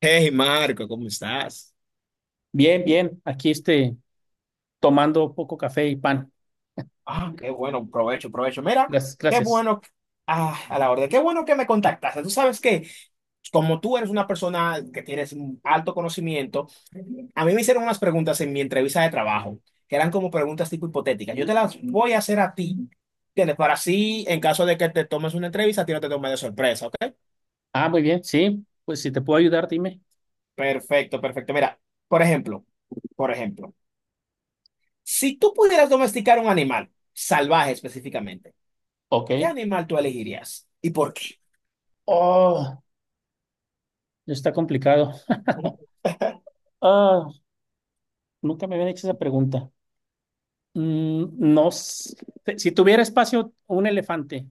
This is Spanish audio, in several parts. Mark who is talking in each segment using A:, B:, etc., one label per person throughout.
A: Hey Marco, ¿cómo estás?
B: Bien, bien. Aquí este, tomando poco café y pan.
A: Ah, qué bueno, provecho, provecho. Mira,
B: Gracias,
A: qué
B: gracias.
A: bueno, ah, a la orden, qué bueno que me contactaste. Tú sabes que, como tú eres una persona que tienes un alto conocimiento, a mí me hicieron unas preguntas en mi entrevista de trabajo, que eran como preguntas tipo hipotéticas. Yo te las voy a hacer a ti, ¿entiendes? Para así, en caso de que te tomes una entrevista, a ti no te tomes de sorpresa, ¿ok?
B: Ah, muy bien. Sí, pues si te puedo ayudar, dime.
A: Perfecto, perfecto. Mira, por ejemplo, por ejemplo, si tú pudieras domesticar un animal, salvaje específicamente, ¿qué
B: Ok.
A: animal tú elegirías y por qué?
B: Oh, está complicado. Ah, nunca me habían hecho esa pregunta. No, sé. Si tuviera espacio un elefante,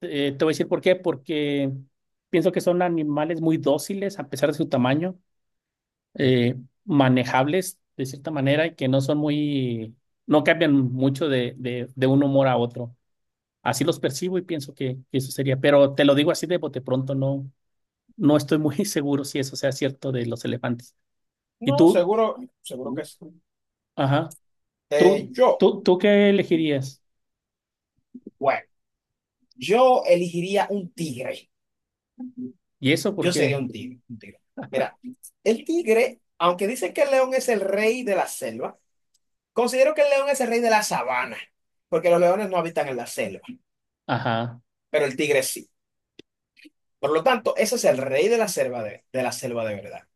B: te voy a decir por qué. Porque pienso que son animales muy dóciles a pesar de su tamaño, eh, manejables de cierta manera y que no son muy, no cambian mucho de, de un humor a otro. Así los percibo y pienso que eso sería, pero te lo digo así de bote pronto, no, no estoy muy seguro si eso sea cierto de los elefantes. ¿Y
A: No,
B: tú?
A: seguro, seguro que sí.
B: Ajá. ¿Tú,
A: Yo,
B: tú, tú qué elegirías?
A: bueno, yo elegiría un tigre.
B: ¿Y eso por
A: Yo sería
B: qué?
A: un tigre, un tigre. Mira, el tigre, aunque dicen que el león es el rey de la selva, considero que el león es el rey de la sabana, porque los leones no habitan en la selva,
B: Ajá.
A: pero el tigre sí. Por lo tanto, ese es el rey de la selva de la selva de verdad.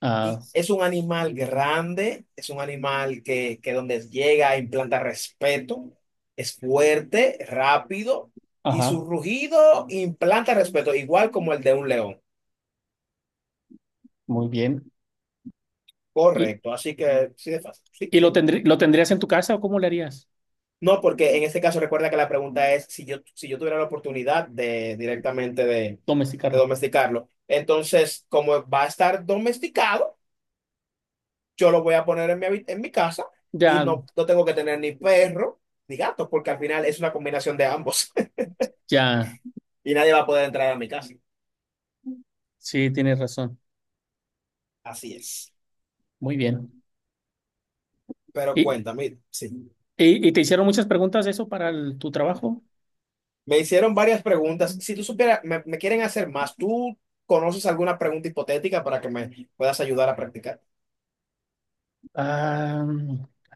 B: Ah,
A: Y es un animal grande, es un animal que donde llega implanta respeto, es fuerte, rápido y su
B: ajá.
A: rugido implanta respeto, igual como el de un león.
B: Muy bien. ¿Y,
A: Correcto, así que sí de fácil. Sí,
B: y
A: sí.
B: lo tendrías en tu casa o cómo le harías?
A: No, porque en este caso recuerda que la pregunta es si yo, si yo tuviera la oportunidad de directamente de
B: Domesticarlo.
A: domesticarlo. Entonces, como va a estar domesticado, yo lo voy a poner en mi, habi- en mi casa y
B: Ya,
A: no, no tengo que tener ni perro ni gato, porque al final es una combinación de ambos
B: ya.
A: y nadie va a poder entrar a mi casa.
B: Sí, tienes razón.
A: Así es.
B: Muy bien.
A: Pero
B: ¿Y,
A: cuéntame, sí.
B: y te hicieron muchas preguntas de eso para tu trabajo?
A: Me hicieron varias preguntas. Si tú supieras, me quieren hacer más. ¿Tú conoces alguna pregunta hipotética para que me puedas ayudar a practicar?
B: Ah,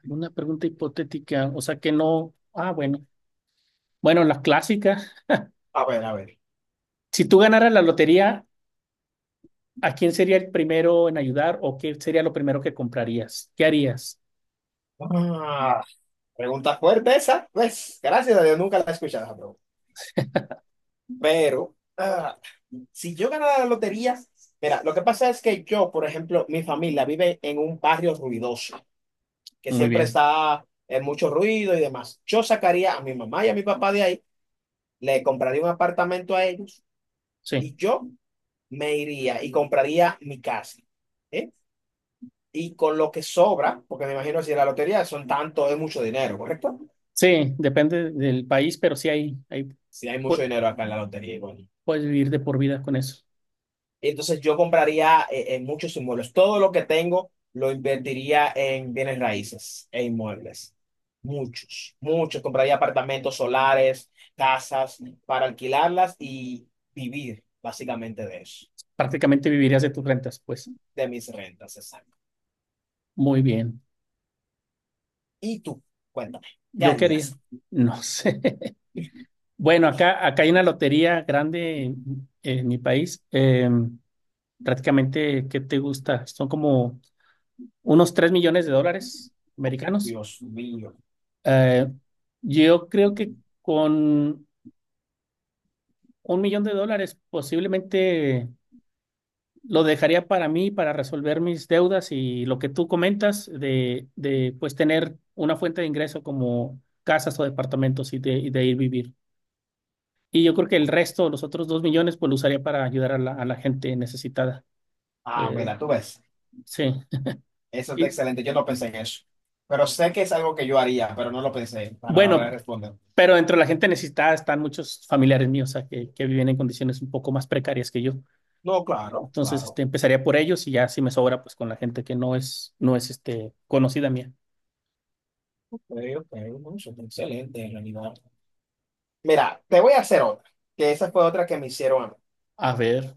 B: alguna pregunta hipotética, o sea que no. Ah, bueno. Bueno, las clásicas.
A: A ver, a ver.
B: Si tú ganaras la lotería, ¿a quién sería el primero en ayudar o qué sería lo primero que comprarías? ¿Qué harías?
A: Ah, pregunta fuerte esa. Pues, gracias a Dios, nunca la he escuchado esa pregunta. Pero si yo ganara la lotería, mira, lo que pasa es que yo, por ejemplo, mi familia vive en un barrio ruidoso, que
B: Muy
A: siempre
B: bien.
A: está en mucho ruido y demás. Yo sacaría a mi mamá y a mi papá de ahí, le compraría un apartamento a ellos
B: Sí.
A: y yo me iría y compraría mi casa. ¿Eh? Y con lo que sobra, porque me imagino si la lotería son tanto, es mucho dinero, ¿correcto?
B: Sí, depende del país, pero sí hay,
A: Si hay mucho
B: pu-
A: dinero acá en la lotería, igual.
B: puedes vivir de por vida con eso.
A: Y entonces yo compraría muchos inmuebles. Todo lo que tengo lo invertiría en bienes raíces e inmuebles. Muchos, muchos. Compraría apartamentos solares, casas para alquilarlas y vivir básicamente de eso,
B: Prácticamente vivirías de tus rentas, pues.
A: de mis rentas, exacto.
B: Muy bien.
A: Y tú, cuéntame, ¿qué
B: ¿Yo qué haría?
A: harías?
B: No sé. Bueno, acá hay una lotería grande en mi país. Prácticamente, ¿qué te gusta? Son como unos 3 millones de dólares americanos.
A: Dios mío.
B: Eh, yo creo que con 1 millón de dólares posiblemente lo dejaría para mí, para resolver mis deudas y lo que tú comentas de pues tener una fuente de ingreso como casas o departamentos y de ir vivir. Y yo creo que el resto, los otros 2 millones, pues lo usaría para ayudar a la gente necesitada.
A: Ah,
B: Eh,
A: mira, tú ves.
B: sí.
A: Eso está
B: Y,
A: excelente. Yo no pensé en eso. Pero sé que es algo que yo haría, pero no lo pensé para la hora de
B: bueno,
A: responder.
B: pero dentro de la gente necesitada están muchos familiares míos, o sea, que viven en condiciones un poco más precarias que yo.
A: No, claro,
B: Entonces,
A: claro.
B: este, empezaría por ellos y ya si me sobra, pues con la gente que no es, este, conocida mía.
A: Ok, ok, no, eso está excelente en realidad. Mira, te voy a hacer otra, que esa fue otra que me hicieron a mí.
B: A ver,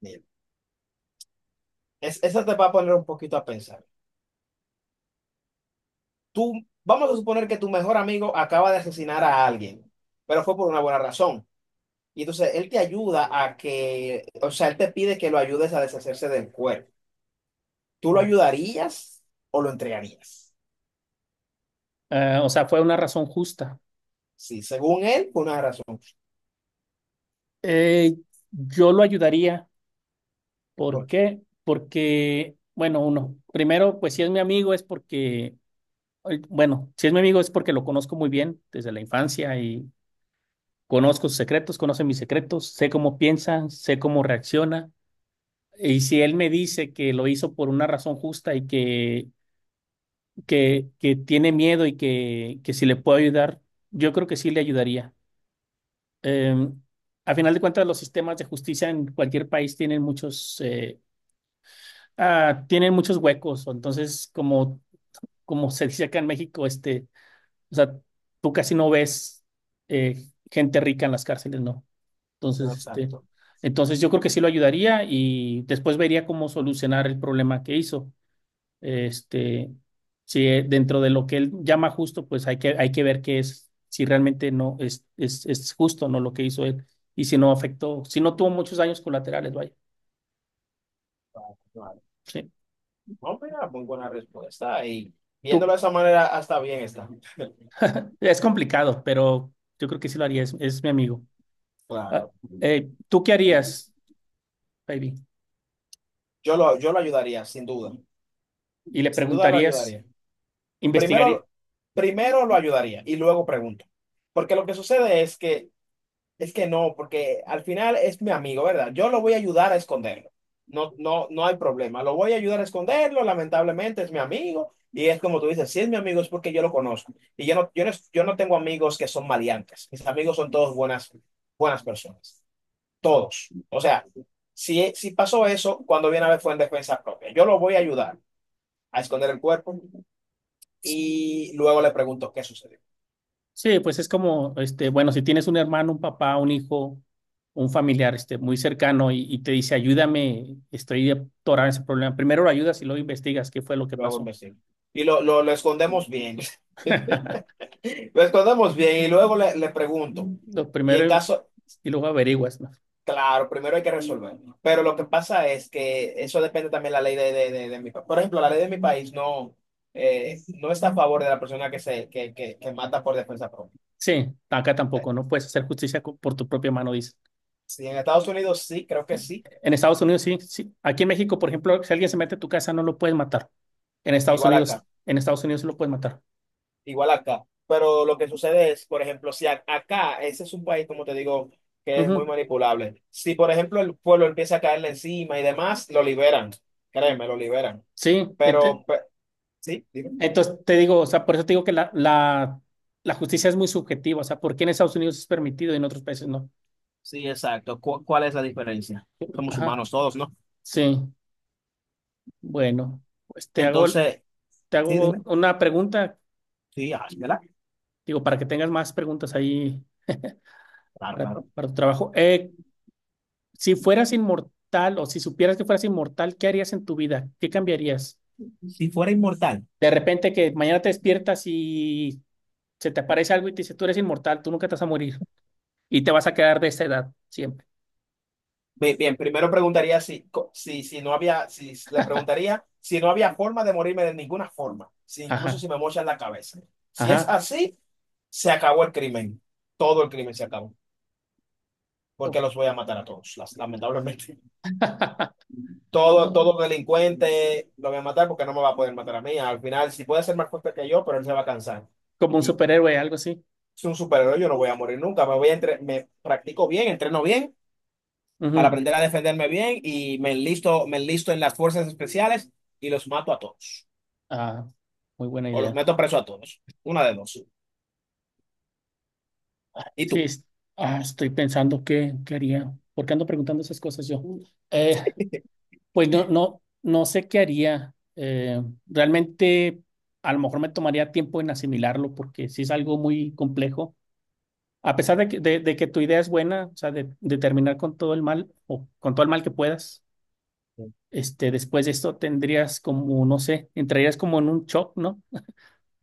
A: Mira, es- esa te va a poner un poquito a pensar. Tú, vamos a suponer que tu mejor amigo acaba de asesinar a alguien, pero fue por una buena razón. Y entonces él te ayuda a que, o sea, él te pide que lo ayudes a deshacerse del cuerpo. ¿Tú lo ayudarías o lo entregarías?
B: o sea, fue una razón justa.
A: Sí, según él, por una razón.
B: Eh, yo lo ayudaría. ¿Por
A: ¿Por qué?
B: qué? Porque, bueno, uno, primero, pues si es mi amigo es porque, bueno, si es mi amigo es porque lo conozco muy bien desde la infancia y conozco sus secretos, conoce mis secretos, sé cómo piensa, sé cómo reacciona. Y si él me dice que lo hizo por una razón justa y que, que tiene miedo y que si le puedo ayudar, yo creo que sí le ayudaría. Eh, a final de cuentas, los sistemas de justicia en cualquier país tienen muchos, tienen muchos huecos. O Entonces, como como se dice acá en México, este, o sea, tú casi no ves eh, gente rica en las cárceles, ¿no? Entonces, este,
A: Exacto.
B: entonces yo creo que sí lo ayudaría y después vería cómo solucionar el problema que hizo. Este, si dentro de lo que él llama justo, pues hay que ver qué es, si realmente no es justo, ¿no? Lo que hizo él, y si no afectó, si no tuvo muchos daños colaterales, vaya.
A: Vale.
B: Sí.
A: No, mira, muy buena respuesta. Y viéndolo
B: Tú,
A: de esa manera, hasta bien está.
B: es complicado, pero yo creo que sí lo haría, es mi amigo. Ah,
A: Claro.
B: ¿Tú qué harías, baby?
A: Yo lo ayudaría, sin duda.
B: Y le
A: Sin duda lo
B: preguntarías,
A: ayudaría.
B: investigaría.
A: Primero, primero lo ayudaría y luego pregunto. Porque lo que sucede es que no, porque al final es mi amigo, ¿verdad? Yo lo voy a ayudar a esconderlo. No, no, no hay problema. Lo voy a ayudar a esconderlo, lamentablemente es mi amigo. Y es como tú dices, si es mi amigo es porque yo lo conozco. Y yo no tengo amigos que son maleantes. Mis amigos son todos buenas, buenas personas. Todos. O sea, si, si pasó eso, cuando viene a ver fue en defensa propia. Yo lo voy a ayudar a esconder el cuerpo y luego le pregunto qué sucedió.
B: Sí, pues es como, este, bueno, si tienes un hermano, un papá, un hijo, un familiar, este, muy cercano y te dice, ayúdame, estoy atorado en ese problema. Primero lo ayudas y luego investigas qué fue lo que
A: Luego
B: pasó.
A: investigo. Y lo escondemos bien. Lo escondemos bien y luego le pregunto.
B: Lo
A: Y en
B: primero
A: caso,
B: y luego averiguas, ¿no?
A: claro, primero hay que resolver. Pero lo que pasa es que eso depende también de la ley de mi país. Por ejemplo, la ley de mi país no, no está a favor de la persona que, se, que mata por defensa propia.
B: Sí, acá tampoco, no puedes hacer justicia por tu propia mano, dice.
A: Sí, en Estados Unidos sí, creo que
B: En,
A: sí.
B: en Estados Unidos sí, sí. Aquí en México, por ejemplo, si alguien se mete a tu casa, no lo puedes matar. En Estados
A: Igual
B: Unidos,
A: acá.
B: en Estados Unidos sí lo puedes matar.
A: Igual acá. Pero lo que sucede es, por ejemplo, si a- acá, ese es un país, como te digo, que es muy
B: Ujú.
A: manipulable. Si, por ejemplo, el pueblo empieza a caerle encima y demás, lo liberan. Créeme, lo liberan.
B: Sí.
A: Pero, pe- sí, dime.
B: Entonces, te digo, o sea, por eso te digo que la justicia es muy subjetiva, o sea, ¿por qué en Estados Unidos es permitido y en otros países no?
A: Sí, exacto. ¿Cu- cuál es la diferencia? Somos
B: Ajá,
A: humanos todos, ¿no?
B: sí, bueno, pues
A: Entonces,
B: te
A: sí,
B: hago
A: dime.
B: una pregunta,
A: Sí, ah, ¿verdad?
B: digo, para que tengas más preguntas ahí
A: Claro,
B: para,
A: claro.
B: para tu trabajo. Si fueras inmortal o si supieras que fueras inmortal, ¿qué harías en tu vida? ¿Qué cambiarías?
A: Si fuera inmortal.
B: De repente que mañana te despiertas y se te aparece algo y te dice, tú eres inmortal, tú nunca te vas a morir y te vas a quedar de esa edad siempre.
A: Bien, bien, primero preguntaría si, co- si, si no había, si le preguntaría si no había forma de morirme de ninguna forma, si incluso
B: Ajá,
A: si me mochan la cabeza. Si es
B: ajá.
A: así, se acabó el crimen. Todo el crimen se acabó, porque
B: Oh,
A: los voy a matar a todos, las- lamentablemente. Todo,
B: ah,
A: todo delincuente lo voy a matar porque no me va a poder matar a mí. Al final, si puede ser más fuerte que yo, pero él se va a cansar.
B: Como un
A: Y
B: superhéroe, algo así.
A: es un superhéroe, yo no voy a morir nunca. Me practico bien, entreno bien para
B: Ujú.
A: aprender a defenderme bien y me enlisto en las fuerzas especiales y los mato a todos.
B: Ah, muy buena
A: O los
B: idea.
A: meto preso a todos. Una de dos. ¿Y
B: Sí,
A: tú?
B: estoy pensando qué haría. ¿Por qué ando preguntando esas cosas yo? Eh, pues no sé qué haría. Realmente, a lo mejor me tomaría tiempo en asimilarlo porque sí es algo muy complejo. A pesar de que tu idea es buena, o sea, de terminar con todo el mal o con todo el mal que puedas, este, después de esto tendrías como, no sé, entrarías como en un shock, ¿no?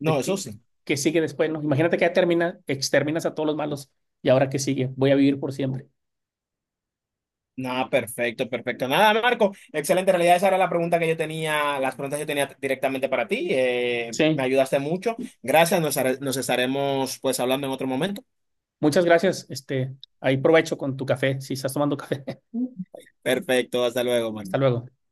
A: No, eso
B: que,
A: sí.
B: que sigue después, ¿no? Imagínate que ya termina, exterminas a todos los malos y ahora qué sigue, voy a vivir por siempre.
A: Nada, perfecto, perfecto. Nada, Marco. Excelente. En realidad, esa era la pregunta que yo tenía, las preguntas que yo tenía directamente para ti. Me
B: Sí,
A: ayudaste mucho. Gracias. Nos estaremos pues hablando en otro momento.
B: muchas gracias. Este, ahí provecho con tu café, si estás tomando café.
A: Perfecto. Hasta luego, Marco.
B: Hasta luego.